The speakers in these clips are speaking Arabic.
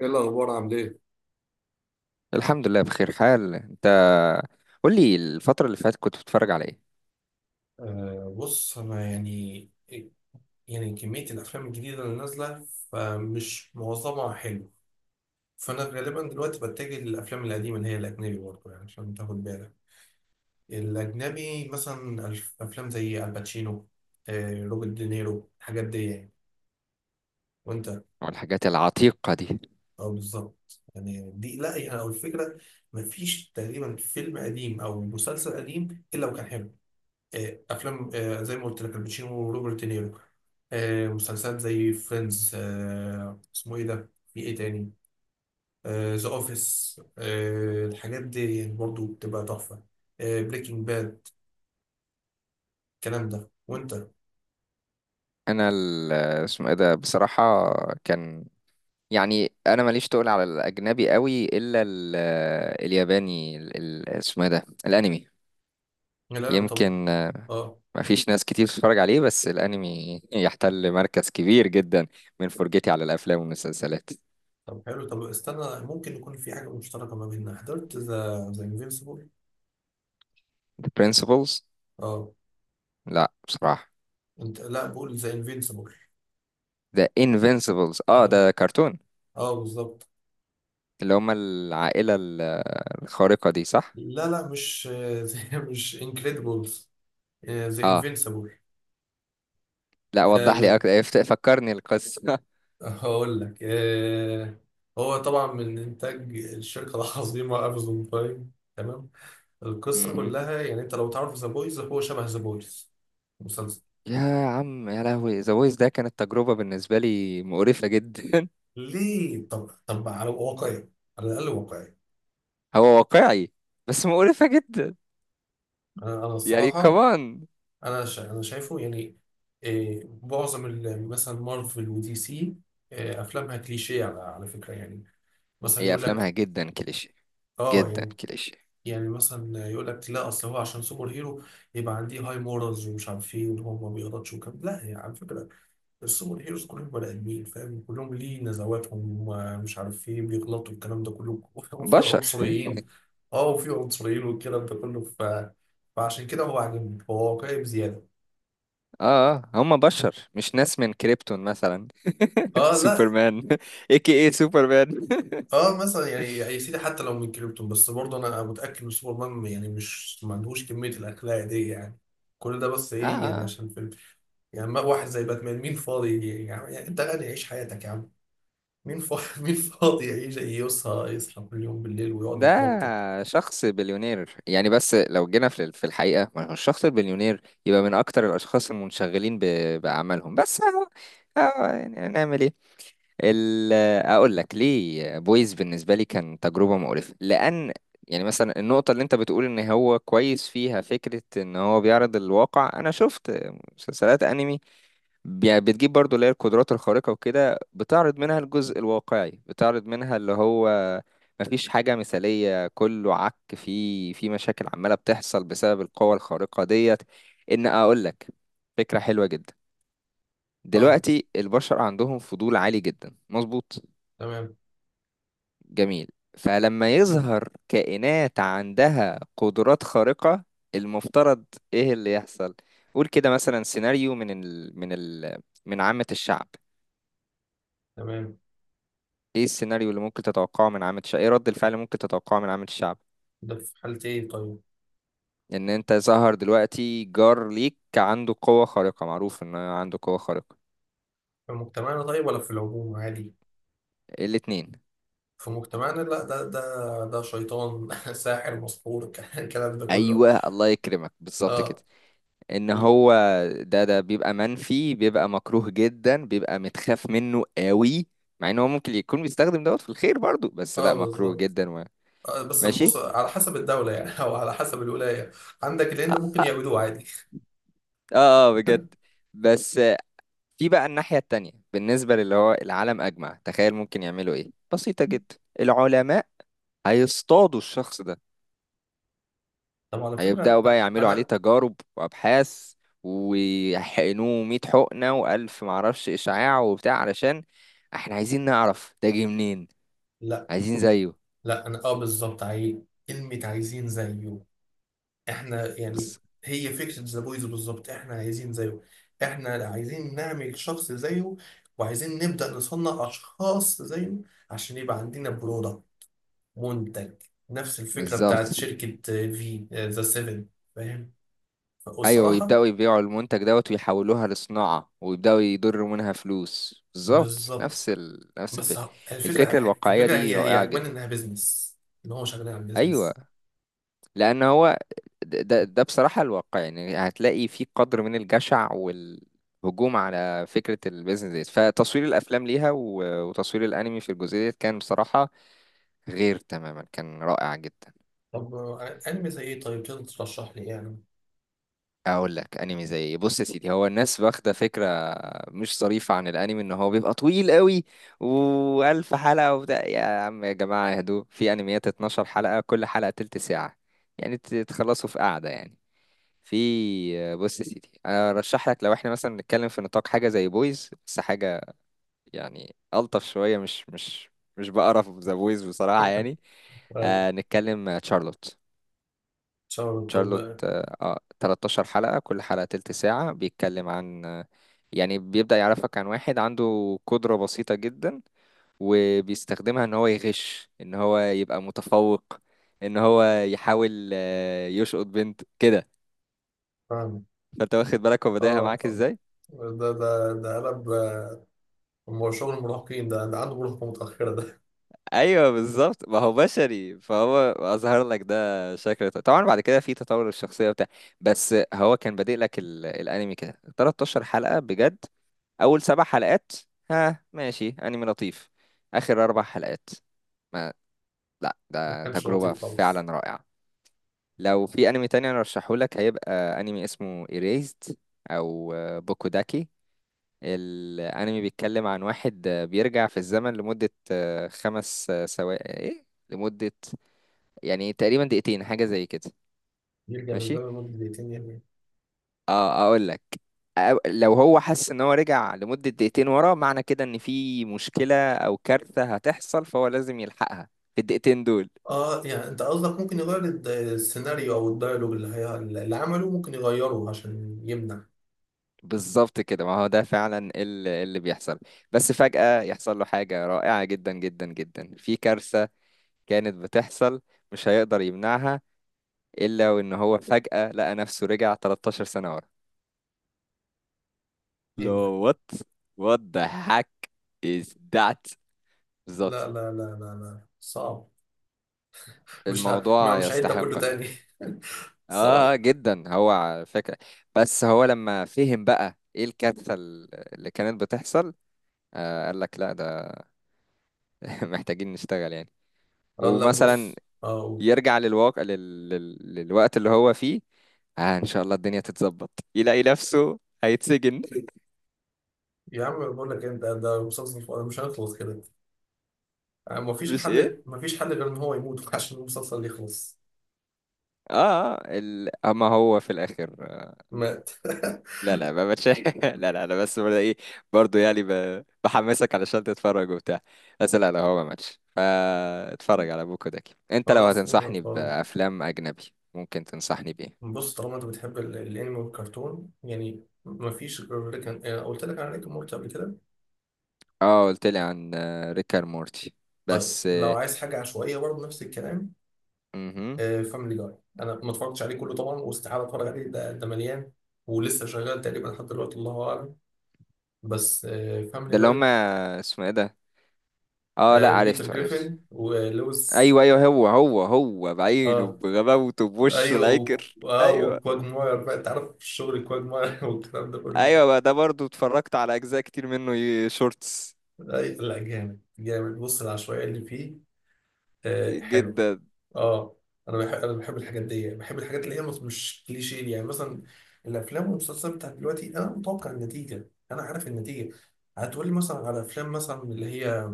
ايه الاخبار؟ عامل ايه؟ الحمد لله، بخير. حال انت؟ قول لي، الفترة اللي فاتت كنت بتتفرج على ايه؟ بص، أنا يعني كمية الأفلام الجديدة اللي نازلة، فمش معظمها حلو. فأنا غالبا دلوقتي بتجه للأفلام القديمة اللي هي الأجنبي برضه يعني عشان تاخد بالك. الأجنبي مثلا أفلام زي الباتشينو، روبرت دينيرو، الحاجات دي يعني. وأنت؟ والحاجات العتيقة دي. أه بالظبط يعني دي، لا يعني أو الفكرة، مفيش تقريبا فيلم قديم أو مسلسل قديم إلا وكان حلو. افلام زي ما قلت لك الباتشينو وروبرت دينيرو، مسلسلات زي فريندز، اسمه ايه ده، في ايه تاني، ذا اوفيس، الحاجات دي يعني برضو بتبقى تحفه. بريكنج باد، الكلام ده. وانت؟ انا ال- اسمه ايه ده، بصراحة؟ كان، يعني، انا ماليش تقول على الاجنبي قوي الا الياباني، اسمه ايه ده، الانمي. لا، لا طب. يمكن. اه، ما فيش ناس كتير بتتفرج عليه، بس الانمي يحتل مركز كبير جدا من فرجتي على الافلام والمسلسلات. طب حلو، طب استنى، ممكن يكون في حاجه مشتركه ما بيننا. حضرت ذا انفينسيبل؟ The Principles. اه، لا بصراحة. انت، لا، بقول ذا انفينسيبل. The Invincibles، اه اه ده كرتون، اه بالظبط. اللي هم العائلة الخارقة دي، صح؟ لا لا مش مش انكريدبلز. ذا اه. انفينسيبل. لا، وضح لي اكتر. فكرني القصة هقول لك هو طبعا من انتاج الشركه العظيمه امازون برايم، تمام؟ القصه مهم. كلها يعني انت لو تعرف ذا بويز، هو شبه ذا بويز. مسلسل. يا عم، يا لهوي، ذا فويس ده كانت تجربة بالنسبة لي مقرفة جدا. ليه؟ طب، طب على واقعي، على الاقل واقعي. هو واقعي بس مقرفة جدا. انا يعني، الصراحه، كمان، انا شايفه يعني معظم مثلا مارفل ودي سي، افلامها كليشيه، على فكره يعني. مثلا هي يقول افلامها لك، جدا كليشيه، اه جدا يعني، كليشيه. يعني مثلا يقول لك، لا اصل هو عشان سوبر هيرو يبقى عندي هاي مورالز، ومش عارف ايه، وان هو ما بيغلطش وكده. لا، هي على فكره السوبر هيروز كلهم بني ادمين، فاهم؟ كلهم ليه نزواتهم ومش عارف ايه، بيغلطوا، الكلام ده كله وفي بشر عنصريين. اه، وفي عنصريين والكلام ده كله فعشان كده هو عاجبني، هو واقعي بزياده. اه اه، هم بشر، مش ناس من كريبتون مثلا. اه، لا. سوبرمان اي كي اي سوبرمان اه، مثلا يعني يا سيدي حتى لو من كريبتون، بس برضه انا متاكد ان سوبرمان يعني مش ما عندهوش كميه الاخلاق دي يعني. كل ده بس ايه يعني؟ اه، عشان فيلم. يعني واحد زي باتمان، مين فاضي يجي يعني انت غني، عيش حياتك يا عم. مين فاضي مين فاضي يعيش يصحى، يصحى كل يوم بالليل ويقعد ده يتنطط؟ شخص بليونير يعني، بس لو جينا في الحقيقة، ما هو الشخص البليونير يبقى من أكتر الأشخاص المنشغلين بأعمالهم. بس أهو، أهو، يعني نعمل إيه؟ ال- أقول لك ليه بويز بالنسبة لي كان تجربة مقرفة. لأن، يعني، مثلا النقطة اللي أنت بتقول إن هو كويس فيها فكرة إن هو بيعرض الواقع، أنا شفت مسلسلات أنمي يعني بتجيب برضو اللي هي القدرات الخارقة وكده، بتعرض منها الجزء الواقعي، بتعرض منها اللي هو مفيش حاجة مثالية، كله عك، في مشاكل عمالة بتحصل بسبب القوة الخارقة ديت. إن أقولك، فكرة حلوة جدا. اه، دلوقتي البشر عندهم فضول عالي جدا، مظبوط. تمام. جميل. فلما يظهر كائنات عندها قدرات خارقة، المفترض إيه اللي يحصل؟ قول كده مثلا سيناريو من عامة الشعب. تمام. ايه السيناريو اللي ممكن تتوقعه من عامة الشعب؟ ايه رد الفعل اللي ممكن تتوقعه من عامة الشعب؟ ده في حالة ايه طيب؟ ان انت ظهر دلوقتي جار ليك عنده قوة خارقة، معروف ان هو عنده قوة خارقة. في مجتمعنا طيب، ولا في العموم عادي؟ الاتنين. في مجتمعنا لا، ده شيطان ساحر، مسحور الكلام ده كله. ايوه، الله يكرمك، بالظبط اه، كده. ان هو، ده ده بيبقى منفي، بيبقى مكروه جدا، بيبقى متخاف منه قوي. مع ان هو ممكن يكون بيستخدم دوت في الخير برضو، بس لا، اه مكروه بالظبط. جدا و... بس ماشي. بص، على حسب الدولة يعني او على حسب الولاية. عندك الهند ممكن يعملوه عادي اه، آه، بجد. بس في بقى الناحية التانية بالنسبة للي هو العالم أجمع، تخيل ممكن يعملوا إيه. بسيطة جدا، العلماء هيصطادوا الشخص ده، طب على فكرة، هيبدأوا بقى يعملوا عليه أنا، تجارب وأبحاث، ويحقنوه 100 حقنة وألف معرفش إشعاع وبتاع، علشان إحنا عايزين نعرف ده جه منين، لا عايزين زيه. لا انا اه بالظبط عايز كلمة عايزين زيه. احنا يعني، بس. هي فكرة ذا بويز بالظبط. احنا عايزين زيه، احنا عايزين نعمل شخص زيه، وعايزين نبدأ نصنع اشخاص زيه عشان يبقى عندنا برودكت، منتج. نفس الفكرة بتاعت بالظبط. شركة في ذا سيفن، فاهم؟ أيوة، والصراحة، ويبدأوا يبيعوا المنتج دوت ويحولوها لصناعة ويبدأوا يضروا منها فلوس، بالظبط بالظبط. نفس نفس بس الفكرة. الفكرة، الفكرة الواقعية الفكرة دي هي رائعة عجباني جدا. انها بيزنس، ان هو شغالين على ايوه. بيزنس. لان هو، ده بصراحه الواقع يعني. هتلاقي في قدر من الجشع والهجوم على فكره البيزنس ديت. فتصوير الافلام ليها وتصوير الانمي في الجزئيه ديت كان بصراحه غير تماما، كان رائع جدا. طب انمي زي ايه طيب، تقدر ترشح لي يعني؟ اقول لك انمي زي إيه؟ بص يا سيدي، هو الناس واخده فكره مش ظريفه عن الانمي ان هو بيبقى طويل قوي والف حلقه وبتاع. يا عم، يا جماعه، هدوء، في انميات 12 حلقه، كل حلقه تلت ساعه، يعني تخلصوا في قعده يعني. في، بص يا سيدي، انا ارشح لك لو احنا مثلا نتكلم في نطاق حاجه زي بويز بس حاجه يعني الطف شويه. مش بقرف ذا بويز بصراحه يعني. آه، آه نتكلم، تشارلوت. شغل. طب، تشارلوت، 13 حلقه، كل حلقه تلت ساعه، بيتكلم عن، يعني بيبدا يعرفك عن واحد عنده قدره بسيطه جدا، وبيستخدمها ان هو يغش، ان هو يبقى متفوق، ان هو يحاول يشقط بنت كده. فاهم. فانت واخد بالك هو بدايها اه معاك طب. ازاي. ده ده قلب هو شغل المراهقين، ده عنده مراهقة متأخرة ده. ايوه بالظبط. ما هو بشري فهو اظهر لك ده شكل. طبعا بعد كده في تطور الشخصيه بتاع. بس هو كان بادئ لك الانمي كده. 13 حلقه بجد، اول سبع حلقات، ها ماشي انمي لطيف. اخر اربع حلقات، ما، لا، ما ده كانش تجربه لطيف خالص. فعلا رائعه. لو في انمي تاني انا ارشحه لك، هيبقى انمي اسمه Erased، او بوكوداكي. الانمي بيتكلم عن واحد بيرجع في الزمن لمده خمس، سوا ايه، لمدة، يعني تقريبا دقيقتين، حاجة زي كده. يرجع ماشي، بالزمن لمدة دقيقتين يعني؟ اه اقول لك. لو هو حس ان هو رجع لمدة دقيقتين ورا، معنى كده ان في مشكلة او كارثة هتحصل، فهو لازم يلحقها في الدقيقتين دول. اه يعني انت قصدك ممكن يغير السيناريو او الدايلوج اللي هي اللي عمله، ممكن يغيره عشان يمنع؟ بالظبط كده، ما هو ده فعلا اللي بيحصل. بس فجأة يحصل له حاجة رائعة جدا جدا جدا، في كارثة كانت بتحصل، مش هيقدر يمنعها، الا وان هو فجأة لقى نفسه رجع 13 سنة ورا. ايه لو، ده؟ وات، وات ذا هاك، از ذات، لا بالظبط. لا لا لا لا صعب مش ه... ما- الموضوع مش هعيد ده كله يستحق فعلا. تاني اه الصراحة، جدا، هو على فكرة. بس هو لما فهم بقى ايه الكارثة اللي كانت بتحصل، آه، قال لك لا، ده محتاجين نشتغل يعني. اقول لك ومثلا بص، قول. يرجع للواقع للوقت اللي هو فيه، آه ان شاء الله الدنيا تتظبط، يلاقي نفسه هيتسجن. يا عم بقول لك انت، ده مسلسل، مش هنخلص كده. مفيش مش ايه. حل، مفيش حل غير ان هو يموت عشان المسلسل يخلص. اه, آه اما هو في الاخر. مات. لا لا، ما بتش... لا لا، انا بس برضه ايه، برضه يعني بحمسك علشان تتفرج وبتاع. بس لا لا، هو ما ماتش، فاتفرج على بوكو داكي. انت لو خلاص ممكن هتنصحني اتفرج. بافلام اجنبي، ممكن تنصحني بايه؟ بص، طالما انت بتحب الانمي والكرتون يعني مفيش غير ريك قلت لك على ريك أند مورتي قبل كده. اه قلت لي عن ريكار مورتي. طيب بس. لو عايز حاجه عشوائيه برضه نفس الكلام. امم. فاميلي جاي، انا ما اتفرجتش عليه كله طبعا، واستحاله اتفرج عليه، ده مليان، ولسه شغال تقريبا لحد دلوقتي، الله اعلم. بس، ده فاميلي اللي جاي، هما اسمه ايه ده؟ اه لا، بيتر عرفته عرفته. جريفن ولويس. ايوه ايوه، هو بعينه، اه، بغباوته، بوشه ايوه و... العكر، اه ايوه. وكواجماير بقى، انت عارف الشغل كواجماير والكلام ده كله. ايوه بقى، ده برضه اتفرجت على اجزاء كتير منه، شورتس. ايوه، لا جامد جامد، بص العشوائيه اللي فيه. حلو. جدا. اه. انا بحب الحاجات دي، بحب الحاجات اللي هي مش كليشيه يعني. مثلا الافلام والمسلسلات بتاعت دلوقتي، انا متوقع النتيجه، انا عارف النتيجه. هتقول لي مثلا على افلام مثلا اللي هي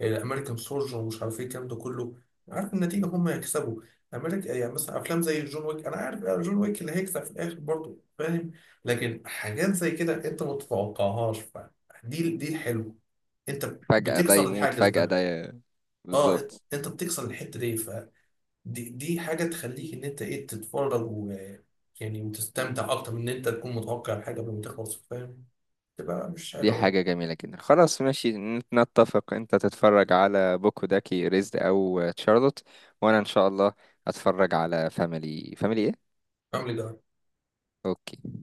الامريكان سولجر، ومش عارف ايه الكلام ده كله، عارف النتيجه، هم يكسبوا امريكا يعني. مثلا افلام زي جون ويك، انا عارف جون ويك اللي هيكسب في الاخر برضه، فاهم؟ لكن حاجات زي كده انت ما تتوقعهاش، فدي دي الحلو. انت فجأة ده بتكسر يموت، الحاجز فجأة ده. اه، بالظبط. انت بتكسر الحته دي، فدي دي حاجه تخليك ان انت ايه، تتفرج، و يعني وتستمتع اكتر من ان انت تكون متوقع الحاجه قبل ما تخلص، فاهم؟ تبقى مش دي حلوه يعني. حاجة جميلة جدا. خلاص ماشي، نتفق انت تتفرج على بوكوداكي ريزد او تشارلوت، وانا ان شاء الله اتفرج على فاميلي ايه. عامل ايه ده؟ اوكي.